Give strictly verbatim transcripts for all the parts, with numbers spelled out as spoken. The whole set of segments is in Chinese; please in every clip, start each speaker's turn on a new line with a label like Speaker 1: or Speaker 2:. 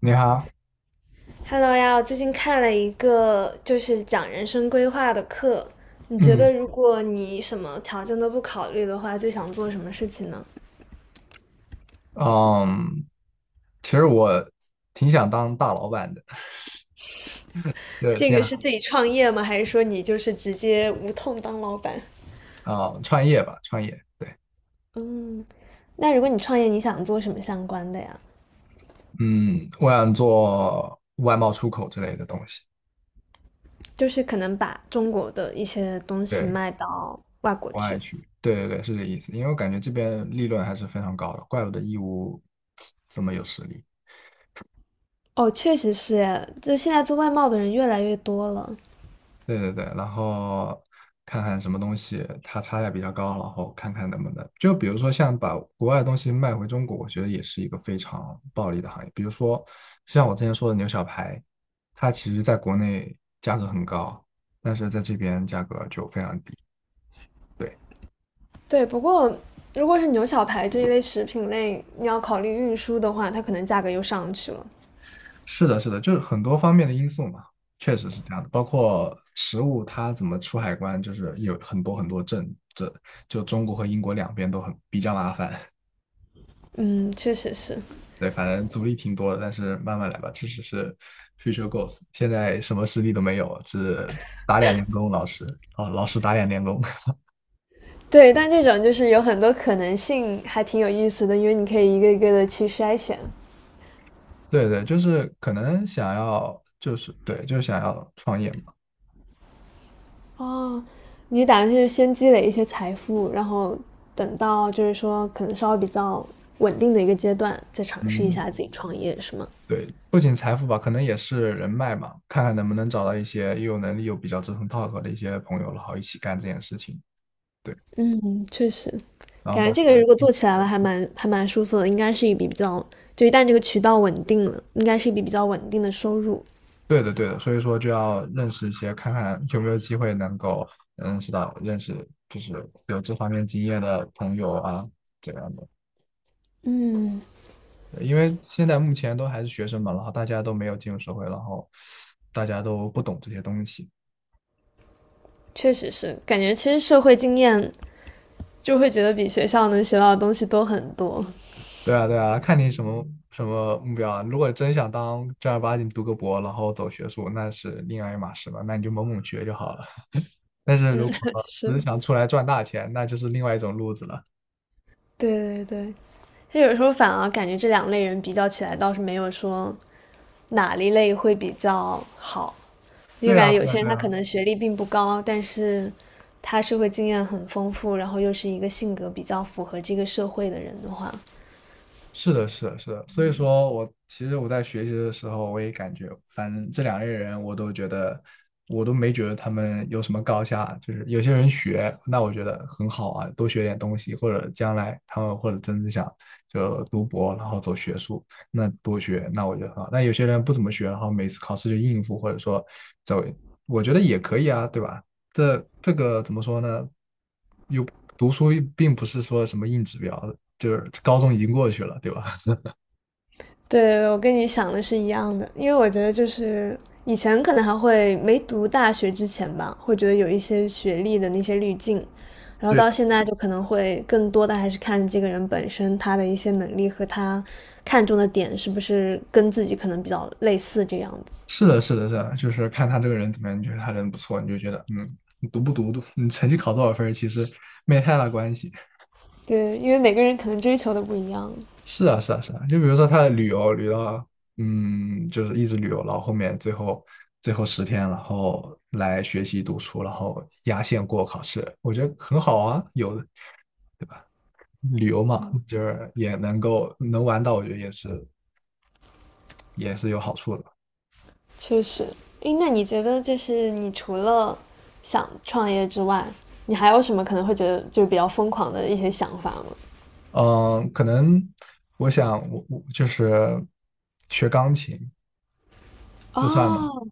Speaker 1: 你好。
Speaker 2: Hello 呀，我最近看了一个就是讲人生规划的课，你觉
Speaker 1: 嗯
Speaker 2: 得如果你什么条件都不考虑的话，最想做什么事情呢？
Speaker 1: 嗯，其实我挺想当大老板的，对，
Speaker 2: 这
Speaker 1: 这
Speaker 2: 个
Speaker 1: 样
Speaker 2: 是自己创业吗？还是说你就是直接无痛当老板？
Speaker 1: 啊。创业吧，创业，对。
Speaker 2: 嗯，那如果你创业，你想做什么相关的呀？
Speaker 1: 嗯，我想做外贸出口之类的东西。
Speaker 2: 就是可能把中国的一些东西
Speaker 1: 对，
Speaker 2: 卖到外国
Speaker 1: 国
Speaker 2: 去。
Speaker 1: 外去，对对对，是这意思。因为我感觉这边利润还是非常高的，怪不得义乌 这么有实力。
Speaker 2: 哦，确实是，就现在做外贸的人越来越多了。
Speaker 1: 对对对，然后看看什么东西它差价比较高，然后看看能不能，就比如说像把国外的东西卖回中国，我觉得也是一个非常暴利的行业。比如说像我之前说的牛小排，它其实在国内价格很高，但是在这边价格就非常低。对。
Speaker 2: 对，不过如果是牛小排这一类食品类，你要考虑运输的话，它可能价格又上去了。
Speaker 1: 是的，是的，就是很多方面的因素嘛，确实是这样的。包括食物它怎么出海关，就是有很多很多证，这就中国和英国两边都很比较麻烦。
Speaker 2: 嗯，确实是。
Speaker 1: 对，反正阻力挺多的，但是慢慢来吧，这只是 future goals。现在什么实力都没有，只打两年工，老师。哦，老师打两年工。
Speaker 2: 对，但这种就是有很多可能性，还挺有意思的，因为你可以一个一个的去筛选。
Speaker 1: 对对，就是可能想要，就是对，就是想要创业嘛。
Speaker 2: 哦，你打算是先积累一些财富，然后等到就是说可能稍微比较稳定的一个阶段，再尝试一
Speaker 1: 嗯，
Speaker 2: 下自己创业，是吗？
Speaker 1: 对，不仅财富吧，可能也是人脉嘛，看看能不能找到一些又有能力又比较志同道合的一些朋友，然后一起干这件事情。对，
Speaker 2: 嗯，确实，
Speaker 1: 然后
Speaker 2: 感觉
Speaker 1: 包。
Speaker 2: 这个如果做起来了，还蛮还蛮舒服的，应该是一笔比较，就一旦这个渠道稳定了，应该是一笔比较稳定的收入。
Speaker 1: 对的，对的，所以说就要认识一些，看看有没有机会能够认识到认识就是有这方面经验的朋友啊，这样的。
Speaker 2: 嗯，
Speaker 1: 对，因为现在目前都还是学生嘛，然后大家都没有进入社会，然后大家都不懂这些东西。
Speaker 2: 确实是，感觉其实社会经验就会觉得比学校能学到的东西多很多。
Speaker 1: 对啊，对啊，看你什么什么目标啊。如果真想当正儿八经读个博，然后走学术，那是另外一码事了，那你就猛猛学就好了。但是如
Speaker 2: 嗯，
Speaker 1: 果 只是
Speaker 2: 是，
Speaker 1: 想出来赚大钱，那就是另外一种路子了。
Speaker 2: 对对对，就有时候反而感觉这两类人比较起来，倒是没有说哪一类会比较好。就
Speaker 1: 对
Speaker 2: 感
Speaker 1: 啊，
Speaker 2: 觉有
Speaker 1: 对啊，
Speaker 2: 些人
Speaker 1: 对
Speaker 2: 他可
Speaker 1: 啊。
Speaker 2: 能学历并不高，但是他社会经验很丰富，然后又是一个性格比较符合这个社会的人的话，
Speaker 1: 是的，是的，是的，所以说我其实我在学习的时候，我也感觉，反正这两类人，我都觉得，我都没觉得他们有什么高下。就是有些人学，那我觉得很好啊，多学点东西，或者将来他们或者真的想就读博，然后走学术，那多学，那我觉得很好。但有些人不怎么学，然后每次考试就应付，或者说走，我觉得也可以啊，对吧？这这个怎么说呢？又读书又并不是说什么硬指标，就是高中已经过去了，对吧？
Speaker 2: 对，我跟你想的是一样的，因为我觉得就是以前可能还会没读大学之前吧，会觉得有一些学历的那些滤镜，然后
Speaker 1: 对，
Speaker 2: 到现在就可能会更多的还是看这个人本身他的一些能力和他看重的点是不是跟自己可能比较类似这样的。
Speaker 1: 是的，是的，是的，就是看他这个人怎么样，你觉得他人不错，你就觉得，嗯，你读不读，读你成绩考多少分儿其实没太大关系。
Speaker 2: 对，因为每个人可能追求的不一样。
Speaker 1: 是啊，是啊，是啊，就比如说他的旅游，旅到，嗯，就是一直旅游，然后后面最后最后十天，然后来学习读书，然后压线过考试，我觉得很好啊，有的。旅游嘛，就是也能够能玩到，我觉得也是也是有好处的。
Speaker 2: 确实，诶，那你觉得就是你除了想创业之外，你还有什么可能会觉得就是比较疯狂的一些想法吗？
Speaker 1: 嗯，可能我想我我就是学钢琴，这算吗？
Speaker 2: 哦，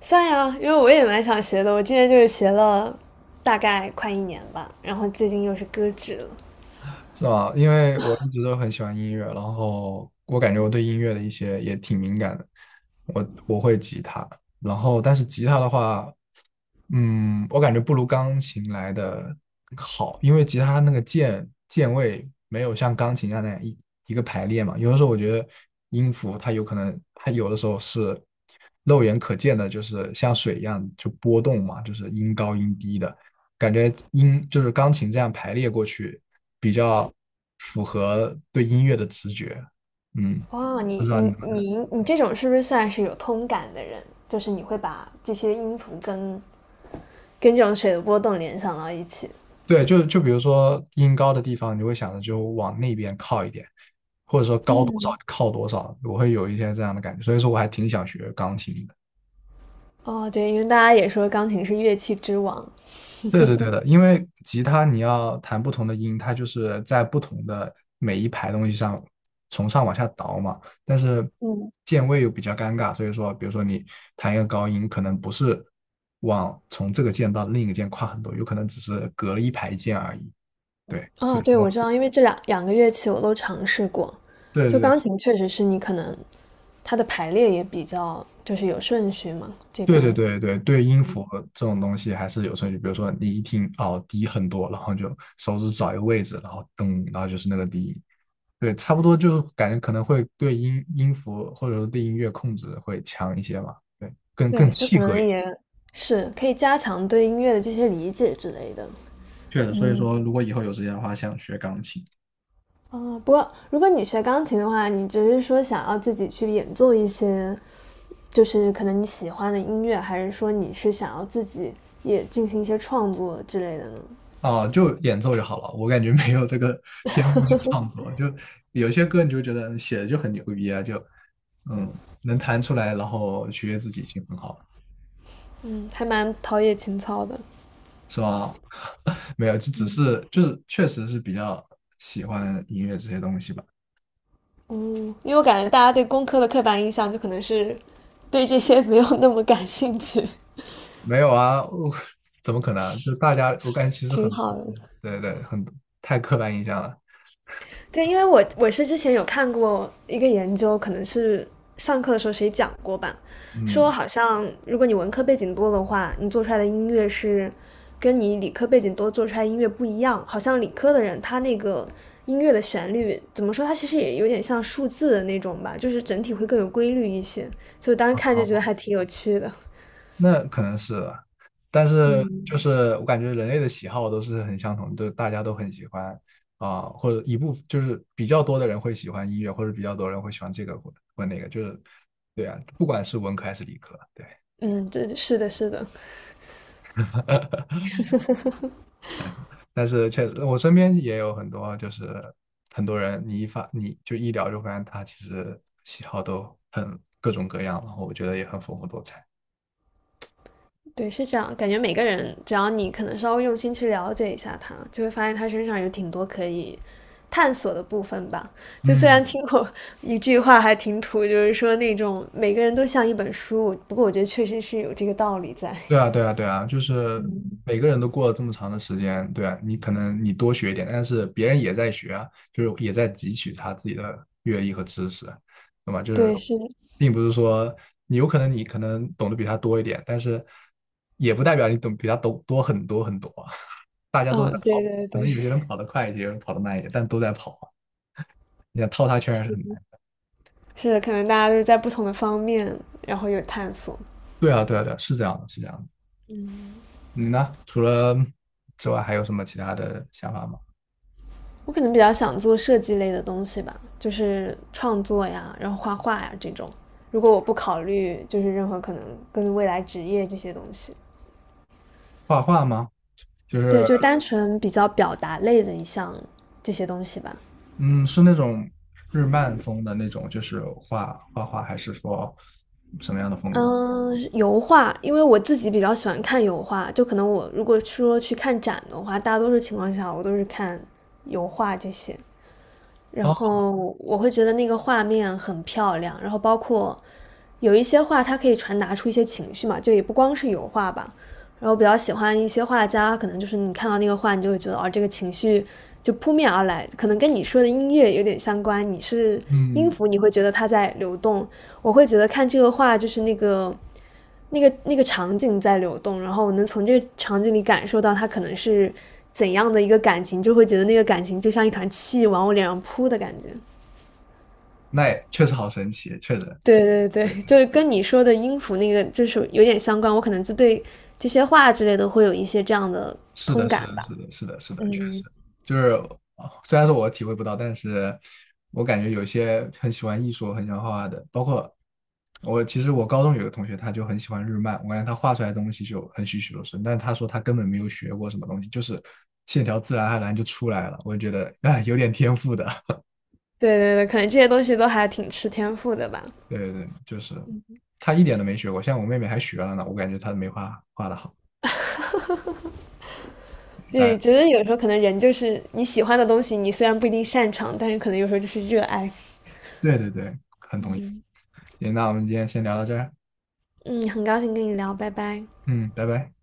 Speaker 2: 算呀，因为我也蛮想学的，我之前就是学了大概快一年吧，然后最近又是搁置了。
Speaker 1: 是吧？因为我一直都很喜欢音乐，然后我感觉我对音乐的一些也挺敏感的。我我会吉他，然后但是吉他的话，嗯，我感觉不如钢琴来的好，因为吉他那个键键位没有像钢琴一样那样一一个排列嘛。有的时候我觉得音符它有可能，它有的时候是肉眼可见的，就是像水一样就波动嘛，就是音高音低的。感觉音就是钢琴这样排列过去，比较符合对音乐的直觉。嗯，
Speaker 2: 哇，
Speaker 1: 不
Speaker 2: 你
Speaker 1: 知道你
Speaker 2: 你你你这种是不是算是有通感的人？就是你会把这些音符跟跟这种水的波动联想到一起。
Speaker 1: 对，就就比如说音高的地方，你就会想着就往那边靠一点，或者说高多少
Speaker 2: 嗯
Speaker 1: 靠多少，我会有一些这样的感觉。所以说，我还挺想学钢琴的。
Speaker 2: 哦，对，因为大家也说钢琴是乐器之王。
Speaker 1: 对的，对的，因为吉他你要弹不同的音，它就是在不同的每一排东西上从上往下倒嘛。但是
Speaker 2: 嗯。
Speaker 1: 键位又比较尴尬，所以说，比如说你弹一个高音，可能不是往从这个键到另一个键跨很多，有可能只是隔了一排键而已。对，所
Speaker 2: 啊，
Speaker 1: 以
Speaker 2: 对，
Speaker 1: 说，
Speaker 2: 我知道，因为这两两个乐器我都尝试过，
Speaker 1: 对
Speaker 2: 就
Speaker 1: 对
Speaker 2: 钢琴确实是你可能它的排列也比较就是有顺序嘛，这
Speaker 1: 对对
Speaker 2: 边
Speaker 1: 对对对对，音符这种东西还是有顺序。比如说你一听哦低很多，然后就手指找一个位置，然后咚，然后就是那个低音。对，差不多就感觉可能会对音音符或者说对音乐控制会强一些嘛，对，更更
Speaker 2: 对，就
Speaker 1: 契
Speaker 2: 可
Speaker 1: 合
Speaker 2: 能
Speaker 1: 一些。
Speaker 2: 也是可以加强对音乐的这些理解之类的。
Speaker 1: 确实，所以
Speaker 2: 嗯，
Speaker 1: 说如果以后有时间的话，想学钢琴。
Speaker 2: 哦，不过如果你学钢琴的话，你只是说想要自己去演奏一些，就是可能你喜欢的音乐，还是说你是想要自己也进行一些创作之类的呢？
Speaker 1: 哦，就演奏就好了，我感觉没有这个 天赋去创作，就有些歌你就觉得写的就很牛逼啊，就嗯能弹出来，然后取悦自己已经很好了。
Speaker 2: 嗯，还蛮陶冶情操的。
Speaker 1: 是吧？没有，就只是就是确实是比较喜欢音乐这些东西吧。
Speaker 2: 嗯，因为我感觉大家对工科的刻板印象就可能是对这些没有那么感兴趣，
Speaker 1: 没有啊，我怎么可能啊就大家，我感觉其 实
Speaker 2: 挺
Speaker 1: 很
Speaker 2: 好
Speaker 1: 多，
Speaker 2: 的。
Speaker 1: 对对，很多太刻板印象了。
Speaker 2: 对，因为我我是之前有看过一个研究，可能是呃上课的时候谁讲过吧，说
Speaker 1: 嗯，
Speaker 2: 好像如果你文科背景多的话，你做出来的音乐是跟你理科背景多做出来的音乐不一样，好像理科的人他那个音乐的旋律怎么说，他其实也有点像数字的那种吧，就是整体会更有规律一些，所以我当时看就觉得
Speaker 1: 好，
Speaker 2: 还挺有趣的。
Speaker 1: 那可能是了。但是就
Speaker 2: 嗯。
Speaker 1: 是我感觉人类的喜好都是很相同的，就大家都很喜欢啊、或者一部就是比较多的人会喜欢音乐，或者比较多人会喜欢这个或或那个，就是对啊，不管是文科还是理科，对。
Speaker 2: 嗯，这是的，是的，
Speaker 1: 但是确实，我身边也有很多，就是很多人，你一发你就一聊就发现他其实喜好都很各种各样，然后我觉得也很丰富多彩。
Speaker 2: 对，是这样。感觉每个人，只要你可能稍微用心去了解一下他，就会发现他身上有挺多可以探索的部分吧。就虽然
Speaker 1: 嗯，
Speaker 2: 听过一句话还挺土，就是说那种每个人都像一本书，不过我觉得确实是有这个道理在。
Speaker 1: 对啊，对啊，对啊，就是
Speaker 2: 嗯，
Speaker 1: 每个人都过了这么长的时间，对啊，你可能你多学一点，但是别人也在学啊，就是也在汲取他自己的阅历和知识，懂吗？就是
Speaker 2: 对，是的，
Speaker 1: 并不是说你有可能你可能懂得比他多一点，但是也不代表你懂比他懂多很多很多啊。大家都在
Speaker 2: 嗯，
Speaker 1: 跑，
Speaker 2: 对对
Speaker 1: 可
Speaker 2: 对，
Speaker 1: 能有些人跑得快一些，有人跑得慢一些，但都在跑啊。你想套他圈还是
Speaker 2: 是
Speaker 1: 很
Speaker 2: 的
Speaker 1: 难。
Speaker 2: 是的，可能大家就是在不同的方面，然后有探索。
Speaker 1: 对啊，对啊，对啊，是这样的，是这样的。你呢？除了之外，还有什么其他的想法吗？
Speaker 2: 我可能比较想做设计类的东西吧，就是创作呀，然后画画呀这种。如果我不考虑就是任何可能跟未来职业这些东西，
Speaker 1: 画画吗？就
Speaker 2: 对，
Speaker 1: 是
Speaker 2: 就单纯比较表达类的一项这些东西吧。
Speaker 1: 嗯，是那种日漫风的那种，就是画画画，还是说什么样的风格？
Speaker 2: 嗯，油画，因为我自己比较喜欢看油画，就可能我如果说去看展的话，大多数情况下我都是看油画这些。然
Speaker 1: 哦，
Speaker 2: 后我会觉得那个画面很漂亮，然后包括有一些画，它可以传达出一些情绪嘛，就也不光是油画吧。然后比较喜欢一些画家，可能就是你看到那个画，你就会觉得哦，这个情绪就扑面而来，可能跟你说的音乐有点相关。你是音
Speaker 1: 嗯，
Speaker 2: 符，你会觉得它在流动；我会觉得看这个画，就是那个那个那个场景在流动，然后我能从这个场景里感受到他可能是怎样的一个感情，就会觉得那个感情就像一团气往我脸上扑的感觉。
Speaker 1: 那也确实好神奇，确实。
Speaker 2: 对对
Speaker 1: 对
Speaker 2: 对，就
Speaker 1: 对。
Speaker 2: 是跟你说的音符那个就是有点相关，我可能就对这些话之类的会有一些这样的
Speaker 1: 是的，
Speaker 2: 通
Speaker 1: 是
Speaker 2: 感
Speaker 1: 的，
Speaker 2: 吧。
Speaker 1: 是的，是的，是的，确实，
Speaker 2: 嗯，
Speaker 1: 就是啊虽然说我体会不到，但是我感觉有些很喜欢艺术、很喜欢画画的，包括我，其实我高中有个同学，他就很喜欢日漫，我感觉他画出来的东西就很栩栩如生，但是他说他根本没有学过什么东西，就是线条自然而然就出来了，我就觉得啊、哎有点天赋的。
Speaker 2: 对对对，可能这些东西都还挺吃天赋的吧。
Speaker 1: 对对对，就是他一点都没学过，像我妹妹还学了呢，我感觉她没画画的好。大家
Speaker 2: 对，觉得有时候可能人就是你喜欢的东西，你虽然不一定擅长，但是可能有时候就是热爱。
Speaker 1: 对对对，很同意。行，那我们今天先聊到这儿。
Speaker 2: 嗯，很高兴跟你聊，拜拜。
Speaker 1: 嗯，拜拜。